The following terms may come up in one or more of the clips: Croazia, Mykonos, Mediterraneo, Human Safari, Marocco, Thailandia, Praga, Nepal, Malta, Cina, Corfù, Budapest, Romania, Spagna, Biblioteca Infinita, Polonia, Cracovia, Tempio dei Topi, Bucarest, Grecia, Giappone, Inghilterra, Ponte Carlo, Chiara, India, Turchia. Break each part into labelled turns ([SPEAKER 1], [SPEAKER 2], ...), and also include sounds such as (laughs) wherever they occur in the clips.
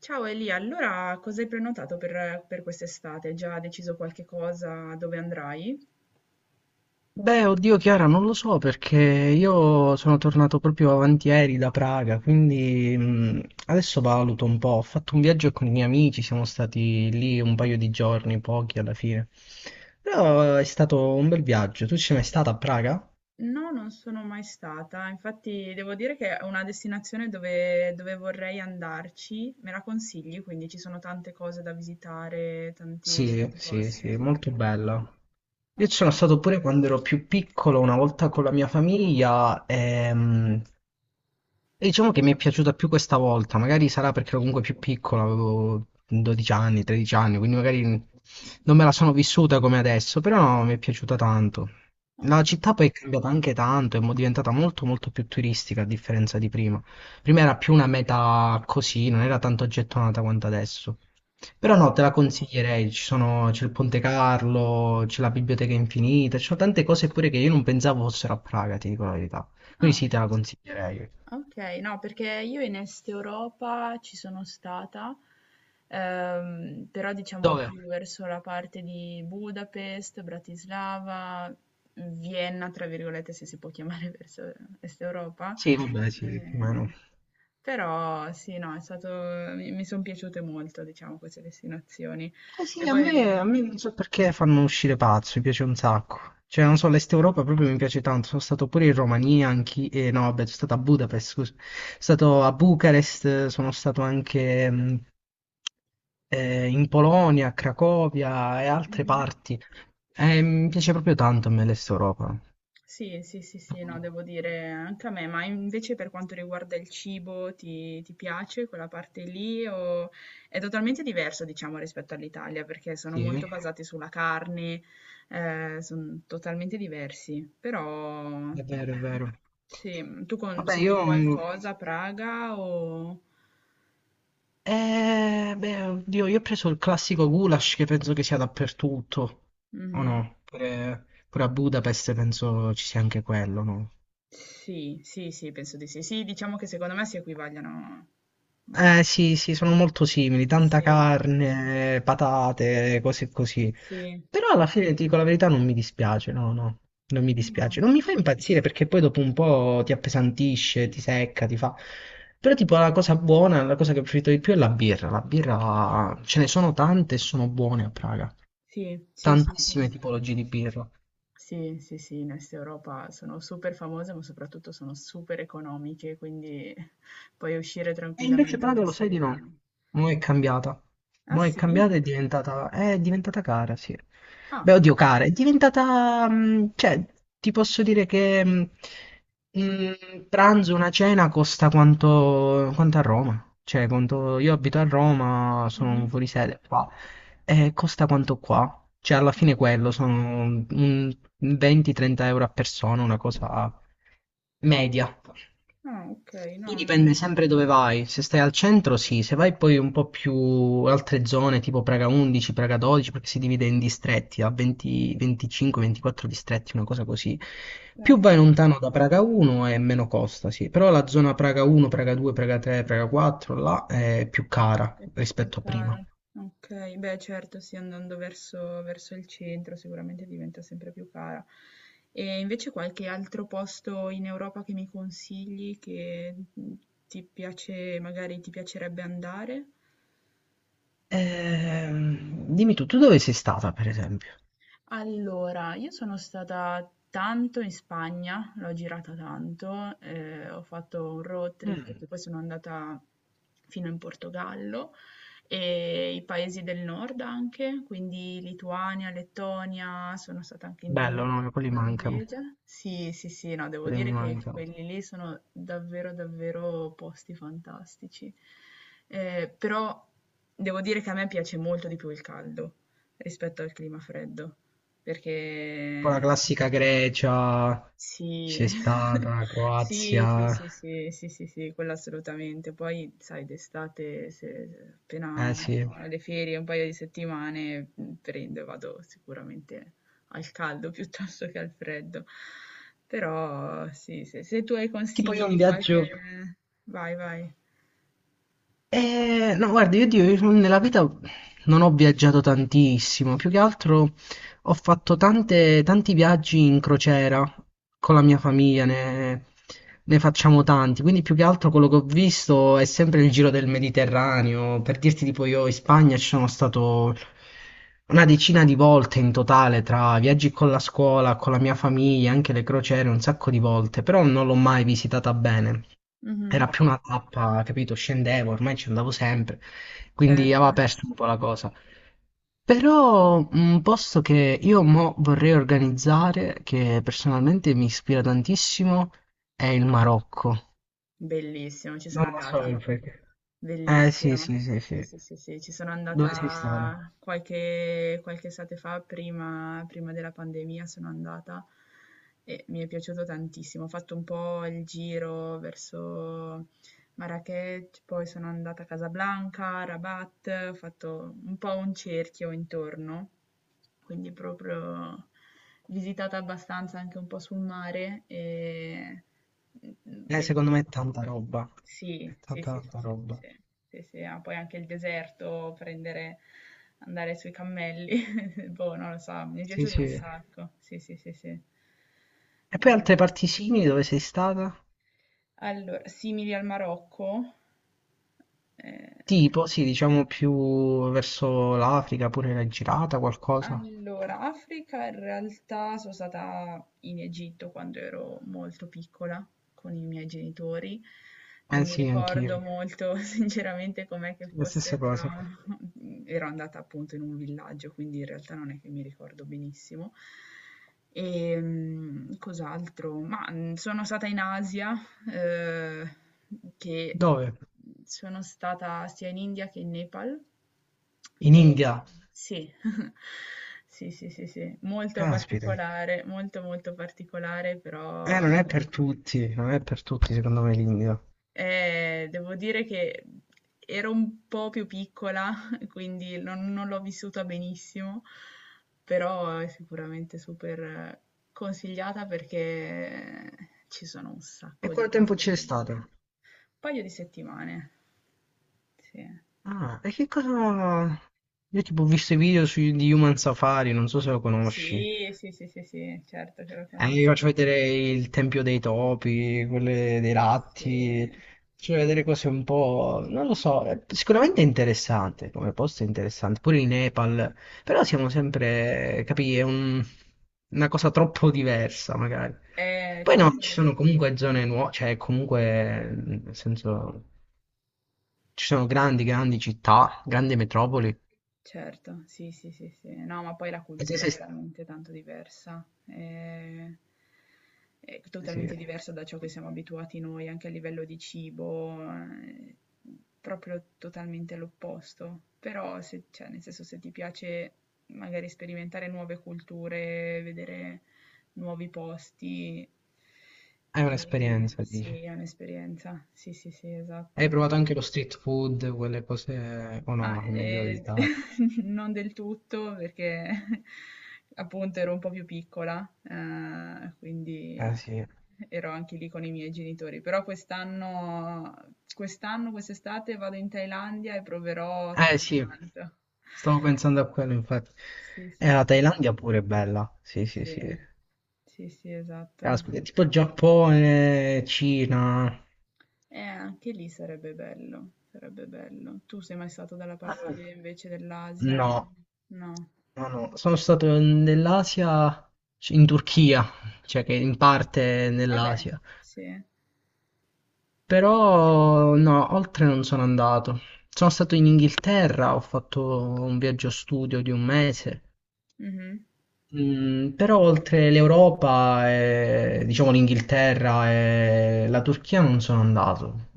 [SPEAKER 1] Ciao Elia, allora cosa hai prenotato per quest'estate? Hai già deciso qualche cosa dove andrai?
[SPEAKER 2] Beh, oddio Chiara, non lo so perché io sono tornato proprio avanti ieri da Praga, quindi adesso valuto un po'. Ho fatto un viaggio con i miei amici, siamo stati lì un paio di giorni, pochi alla fine. Però è stato un bel viaggio. Tu ci sei mai stata a Praga?
[SPEAKER 1] No, non sono mai stata, infatti devo dire che è una destinazione dove vorrei andarci, me la consigli, quindi ci sono tante cose da visitare, tanti,
[SPEAKER 2] Sì,
[SPEAKER 1] tanti
[SPEAKER 2] sì,
[SPEAKER 1] posti.
[SPEAKER 2] sì, molto bella. Io ci
[SPEAKER 1] Ok,
[SPEAKER 2] sono stato pure quando ero più piccolo, una volta con la mia famiglia, e diciamo che mi è piaciuta più questa volta, magari sarà perché ero comunque più piccola, avevo 12 anni, 13 anni, quindi magari non me la sono vissuta come adesso, però no, mi è piaciuta tanto. La
[SPEAKER 1] ok.
[SPEAKER 2] città poi è cambiata anche tanto, è diventata molto molto più turistica a differenza di prima. Prima era più una meta così, non era tanto gettonata quanto adesso. Però no, te la consiglierei, c'è il Ponte Carlo, c'è la Biblioteca Infinita, ci sono tante cose pure che io non pensavo fossero a Praga, ti dico la verità. Quindi
[SPEAKER 1] Ah.
[SPEAKER 2] sì, te la consiglierei.
[SPEAKER 1] Okay, no, perché io in Est Europa ci sono stata, però diciamo più
[SPEAKER 2] Dove?
[SPEAKER 1] verso la parte di Budapest, Bratislava, Vienna, tra virgolette, se si può chiamare (laughs) verso Est Europa.
[SPEAKER 2] Sì. Vabbè, sì, più o meno.
[SPEAKER 1] Eh, però sì, no, è stato, mi sono piaciute molto, diciamo, queste destinazioni.
[SPEAKER 2] Eh
[SPEAKER 1] E
[SPEAKER 2] sì, a
[SPEAKER 1] poi...
[SPEAKER 2] me, a me non so perché fanno uscire pazzo, mi piace un sacco. Cioè, non so, l'Est Europa proprio mi piace tanto. Sono stato pure in Romania, anche... no, vabbè, sono stato a Budapest, scusa. Sono stato a Bucarest, sono stato anche in Polonia, a Cracovia e altre
[SPEAKER 1] Mhm.
[SPEAKER 2] parti. Mi piace proprio tanto a me l'Est Europa.
[SPEAKER 1] Sì, sì, sì, sì,
[SPEAKER 2] Mm,
[SPEAKER 1] no, devo dire anche a me, ma invece per quanto riguarda il cibo, ti piace quella parte lì o è totalmente diverso, diciamo, rispetto all'Italia, perché sono molto
[SPEAKER 2] sì,
[SPEAKER 1] basati sulla carne, sono totalmente diversi, però mm,
[SPEAKER 2] è vero, è vero.
[SPEAKER 1] sì, tu
[SPEAKER 2] Vabbè,
[SPEAKER 1] consigli
[SPEAKER 2] io mm,
[SPEAKER 1] qualcosa a Praga o...
[SPEAKER 2] Eh, beh, oddio, io ho preso il classico goulash che penso che sia dappertutto, o
[SPEAKER 1] Mhm.
[SPEAKER 2] no? Pure, pure a Budapest penso ci sia anche quello, no?
[SPEAKER 1] Sì, sì, sì, penso di sì. Sì, diciamo che secondo me si equivagliano molto.
[SPEAKER 2] Eh sì, sì, sono molto simili, tanta
[SPEAKER 1] Sì,
[SPEAKER 2] carne, patate, cose così.
[SPEAKER 1] sì.
[SPEAKER 2] Però alla fine, ti dico la verità, non mi dispiace, no, no, non mi
[SPEAKER 1] No.
[SPEAKER 2] dispiace. Non mi fa impazzire perché poi dopo un po' ti appesantisce, ti secca, ti fa... Però tipo la cosa buona, la cosa che ho preferito di più è la birra. La birra, ce ne sono tante e sono buone a Praga.
[SPEAKER 1] Sì, sì, sì, sì.
[SPEAKER 2] Tantissime tipologie di birra.
[SPEAKER 1] Sì, sì, sì, in Est Europa sono super famose, ma soprattutto sono super economiche, quindi (laughs) puoi uscire
[SPEAKER 2] E invece
[SPEAKER 1] tranquillamente
[SPEAKER 2] Praga
[SPEAKER 1] la
[SPEAKER 2] lo sai di
[SPEAKER 1] sera.
[SPEAKER 2] no. Mo' è cambiata.
[SPEAKER 1] Ah,
[SPEAKER 2] Mo' è
[SPEAKER 1] sì?
[SPEAKER 2] cambiata e è diventata cara, sì. Beh,
[SPEAKER 1] Ah,
[SPEAKER 2] oddio, cara, è diventata, cioè, ti posso dire che un pranzo, una cena costa quanto, quanto a Roma. Cioè, quanto io abito a Roma, sono
[SPEAKER 1] mhm.
[SPEAKER 2] fuori sede. Qua e costa quanto qua? Cioè, alla fine quello sono un 20-30 euro a persona, una cosa media.
[SPEAKER 1] Ah, ok, no,
[SPEAKER 2] Poi dipende
[SPEAKER 1] non...
[SPEAKER 2] sempre dove vai. Se stai al centro, sì, se vai poi un po' più altre zone, tipo Praga 11, Praga 12, perché si divide in distretti, a 20, 25, 24 distretti, una cosa così. Più
[SPEAKER 1] certo.
[SPEAKER 2] vai lontano da Praga 1 e meno costa, sì. Però la zona Praga 1, Praga 2, Praga 3, Praga 4, là è più cara
[SPEAKER 1] È più
[SPEAKER 2] rispetto a
[SPEAKER 1] cara.
[SPEAKER 2] prima.
[SPEAKER 1] Okay, beh certo sì, andando verso il centro sicuramente diventa sempre più cara. E invece qualche altro posto in Europa che mi consigli che, mhmm, ti piace magari ti piacerebbe andare?
[SPEAKER 2] Dimmi tu dove sei stata, per esempio?
[SPEAKER 1] Allora, io sono stata tanto in Spagna, l'ho girata tanto, ho fatto un road trip
[SPEAKER 2] Mm,
[SPEAKER 1] perché poi sono andata fino in Portogallo e i paesi del nord anche, quindi Lituania, Lettonia, sono stata anche in
[SPEAKER 2] bello,
[SPEAKER 1] Danimarca,
[SPEAKER 2] no? Quelli mancano,
[SPEAKER 1] Norvegia. Sì, sì, sì, no, devo
[SPEAKER 2] quelli mi
[SPEAKER 1] dire che
[SPEAKER 2] mancano.
[SPEAKER 1] quelli lì sono davvero, davvero posti fantastici. Però devo dire che a me piace molto di più il caldo rispetto al clima freddo.
[SPEAKER 2] Poi la
[SPEAKER 1] Perché
[SPEAKER 2] classica Grecia, c'è
[SPEAKER 1] sì. (laughs)
[SPEAKER 2] stata,
[SPEAKER 1] Sì, sì,
[SPEAKER 2] Croazia,
[SPEAKER 1] sì, sì, sì, sì, sì, quello assolutamente. Poi, sai, d'estate, se se appena
[SPEAKER 2] eh sì.
[SPEAKER 1] ho le ferie, un paio di settimane, prendo e vado sicuramente al caldo (laughs) piuttosto che al freddo. Però, sì, se tu hai
[SPEAKER 2] Tipo
[SPEAKER 1] consigli
[SPEAKER 2] io un
[SPEAKER 1] di qualche...
[SPEAKER 2] viaggio,
[SPEAKER 1] Vai, vai.
[SPEAKER 2] eh, no, guarda, io, Dio, io nella vita non ho viaggiato tantissimo, più che altro ho fatto tanti viaggi in crociera con la mia famiglia, ne facciamo tanti, quindi più che altro quello che ho visto è sempre il giro del Mediterraneo, per dirti tipo io in Spagna ci sono stato una decina di volte in totale tra viaggi con la scuola, con la mia famiglia, anche le crociere, un sacco di volte, però non l'ho mai visitata bene. Era
[SPEAKER 1] Mhm,
[SPEAKER 2] più una tappa, capito? Scendevo, ormai ci andavo sempre, quindi
[SPEAKER 1] certo.
[SPEAKER 2] aveva perso un po' la cosa. Però un posto che io mo vorrei organizzare, che personalmente mi ispira tantissimo, è il Marocco.
[SPEAKER 1] Bellissimo, ci
[SPEAKER 2] Non
[SPEAKER 1] sono
[SPEAKER 2] lo so
[SPEAKER 1] andata.
[SPEAKER 2] il perché. Eh sì,
[SPEAKER 1] Bellissimo.
[SPEAKER 2] sì, sì, sì.
[SPEAKER 1] Sì, sì, sì, sì, ci sono
[SPEAKER 2] Dove sei stato?
[SPEAKER 1] andata qualche estate fa, prima della pandemia sono andata e mi è piaciuto tantissimo. Ho fatto un po' il giro verso Marrakech, poi sono andata a Casablanca, Rabat, ho fatto un po' un cerchio intorno, quindi proprio visitata abbastanza anche un po' sul mare e mm, bellissimo.
[SPEAKER 2] Secondo me è tanta roba.
[SPEAKER 1] Sì,
[SPEAKER 2] È
[SPEAKER 1] sì,
[SPEAKER 2] tanta,
[SPEAKER 1] sì, sì,
[SPEAKER 2] tanta
[SPEAKER 1] sì, sì,
[SPEAKER 2] roba.
[SPEAKER 1] sì. Sì, sì, ah, poi anche il deserto, prendere andare sui cammelli, (laughs) boh, non lo so, mi è
[SPEAKER 2] Sì,
[SPEAKER 1] piaciuto un
[SPEAKER 2] sì.
[SPEAKER 1] sacco. Sì, sì, sì, sì.
[SPEAKER 2] E poi altre
[SPEAKER 1] Ehm,
[SPEAKER 2] parti simili dove sei stata?
[SPEAKER 1] Allora, simili al Marocco, eh,
[SPEAKER 2] Tipo, sì, diciamo più verso l'Africa, pure l'hai girata qualcosa?
[SPEAKER 1] Allora, Africa in realtà sono stata in Egitto quando ero molto piccola con i miei genitori. Non
[SPEAKER 2] Eh
[SPEAKER 1] mi
[SPEAKER 2] sì, anch'io,
[SPEAKER 1] ricordo molto (laughs) sinceramente com'è che
[SPEAKER 2] la
[SPEAKER 1] fosse,
[SPEAKER 2] stessa
[SPEAKER 1] però
[SPEAKER 2] cosa.
[SPEAKER 1] (laughs) ero andata appunto in un villaggio, quindi in realtà non è che mi ricordo benissimo. E mm, cos'altro? Ma mm, sono stata in Asia, eh, che
[SPEAKER 2] Dove?
[SPEAKER 1] sono stata sia in India che in Nepal.
[SPEAKER 2] In
[SPEAKER 1] E,
[SPEAKER 2] India.
[SPEAKER 1] sì. Sì, sì, sì, sì, molto
[SPEAKER 2] Caspita.
[SPEAKER 1] particolare, molto particolare, però
[SPEAKER 2] Non è per tutti, non è per tutti secondo me l'India.
[SPEAKER 1] devo dire che ero un po' più piccola, (laughs) quindi non l'ho vissuta benissimo, però è sicuramente super consigliata perché ci sono un
[SPEAKER 2] E
[SPEAKER 1] sacco di
[SPEAKER 2] quanto
[SPEAKER 1] cose
[SPEAKER 2] tempo
[SPEAKER 1] da
[SPEAKER 2] c'è
[SPEAKER 1] vedere. Un
[SPEAKER 2] stato?
[SPEAKER 1] paio di settimane, sì.
[SPEAKER 2] Ah, e che cosa... Io tipo ho visto i video di Human Safari, non so se lo conosci.
[SPEAKER 1] Sì, sì, sì, sì, sì, certo che lo
[SPEAKER 2] Vi
[SPEAKER 1] conosco.
[SPEAKER 2] faccio vedere il Tempio dei Topi, quelle dei
[SPEAKER 1] Sì.
[SPEAKER 2] Ratti, faccio vedere cose un po'... non lo so, sicuramente è interessante, come posto è interessante, pure in Nepal, però siamo sempre, capì, una cosa troppo diversa magari. Poi no,
[SPEAKER 1] Tanto
[SPEAKER 2] ci sono
[SPEAKER 1] sì,
[SPEAKER 2] comunque zone nuove, cioè comunque, nel senso, ci sono grandi, grandi città, grandi metropoli.
[SPEAKER 1] certo, sì, sì, sì, sì. No, ma poi la
[SPEAKER 2] E se-
[SPEAKER 1] cultura
[SPEAKER 2] se-
[SPEAKER 1] è
[SPEAKER 2] eh
[SPEAKER 1] veramente tanto diversa. Eh, è,
[SPEAKER 2] sì, sì, sì,
[SPEAKER 1] totalmente
[SPEAKER 2] sì,
[SPEAKER 1] diversa da ciò che siamo abituati noi, anche a livello di cibo, proprio totalmente l'opposto. Però, se, cioè, nel senso, se ti piace magari sperimentare nuove culture, vedere nuovi posti,
[SPEAKER 2] è un'esperienza, dici.
[SPEAKER 1] sì, è un'esperienza. Sì, sì, sì,
[SPEAKER 2] Hai
[SPEAKER 1] esatto.
[SPEAKER 2] provato anche lo street food, quelle cose, o
[SPEAKER 1] Ma,
[SPEAKER 2] no, è meglio evitare.
[SPEAKER 1] (laughs) non del tutto perché (laughs) appunto ero un po' più piccola, quindi
[SPEAKER 2] Eh sì,
[SPEAKER 1] ero anche lì con i miei genitori. Però quest'estate vado in Thailandia e proverò
[SPEAKER 2] eh
[SPEAKER 1] tutto
[SPEAKER 2] sì,
[SPEAKER 1] quanto.
[SPEAKER 2] stavo pensando a quello infatti.
[SPEAKER 1] Sì, sì,
[SPEAKER 2] E la
[SPEAKER 1] sì,
[SPEAKER 2] Thailandia pure è bella, sì sì sì.
[SPEAKER 1] sì, sì, sì, esatto.
[SPEAKER 2] Caspita, è tipo Giappone, Cina.
[SPEAKER 1] Anche lì sarebbe bello, sarebbe bello. Tu sei mai stato dalla parte
[SPEAKER 2] Eh,
[SPEAKER 1] invece dell'Asia?
[SPEAKER 2] No,
[SPEAKER 1] No.
[SPEAKER 2] no, no, sono stato nell'Asia, in Turchia, cioè che in parte è
[SPEAKER 1] Vabbè,
[SPEAKER 2] nell'Asia.
[SPEAKER 1] sì.
[SPEAKER 2] Però no, oltre non sono andato. Sono stato in Inghilterra, ho fatto un viaggio studio di un mese.
[SPEAKER 1] Mh-mh.
[SPEAKER 2] Però oltre l'Europa, diciamo l'Inghilterra e la Turchia non sono andato.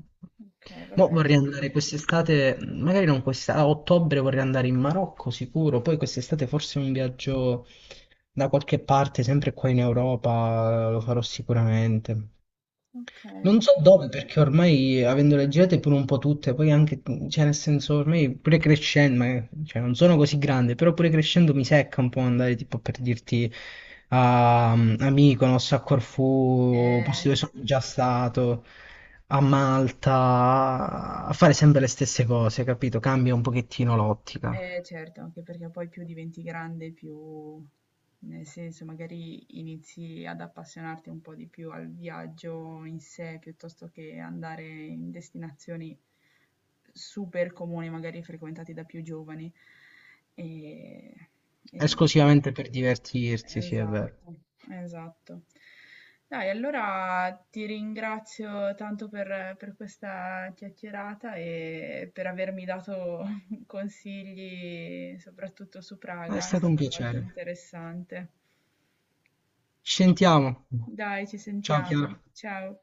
[SPEAKER 1] Okay,
[SPEAKER 2] Mo
[SPEAKER 1] vabbè,
[SPEAKER 2] vorrei
[SPEAKER 1] che
[SPEAKER 2] andare quest'estate, magari non quest'estate, a ottobre vorrei andare in Marocco sicuro, poi quest'estate forse un viaggio da qualche parte, sempre qua in Europa, lo farò sicuramente. Non
[SPEAKER 1] okay.
[SPEAKER 2] so dove, perché ormai avendole girate pure un po' tutte, poi anche, cioè nel senso, ormai pure crescendo, cioè non sono così grande, però pure crescendo mi secca un po' andare tipo per dirti a Mykonos, a Corfù, posti
[SPEAKER 1] Ehm
[SPEAKER 2] dove sono già stato, a Malta, a fare sempre le stesse cose, capito? Cambia un pochettino l'ottica.
[SPEAKER 1] Eh certo, anche perché poi più diventi grande, più nel senso magari inizi ad appassionarti un po' di più al viaggio in sé, piuttosto che andare in destinazioni super comuni, magari frequentate da più giovani. E, e nulla.
[SPEAKER 2] Esclusivamente per divertirsi, sì, è vero.
[SPEAKER 1] Esatto, esatto. Dai, allora ti ringrazio tanto per questa chiacchierata e per avermi dato consigli soprattutto su
[SPEAKER 2] È
[SPEAKER 1] Praga, è
[SPEAKER 2] stato un
[SPEAKER 1] stata molto
[SPEAKER 2] piacere.
[SPEAKER 1] interessante.
[SPEAKER 2] Ci sentiamo.
[SPEAKER 1] Dai, ci
[SPEAKER 2] Ciao
[SPEAKER 1] sentiamo.
[SPEAKER 2] Chiara.
[SPEAKER 1] Ciao.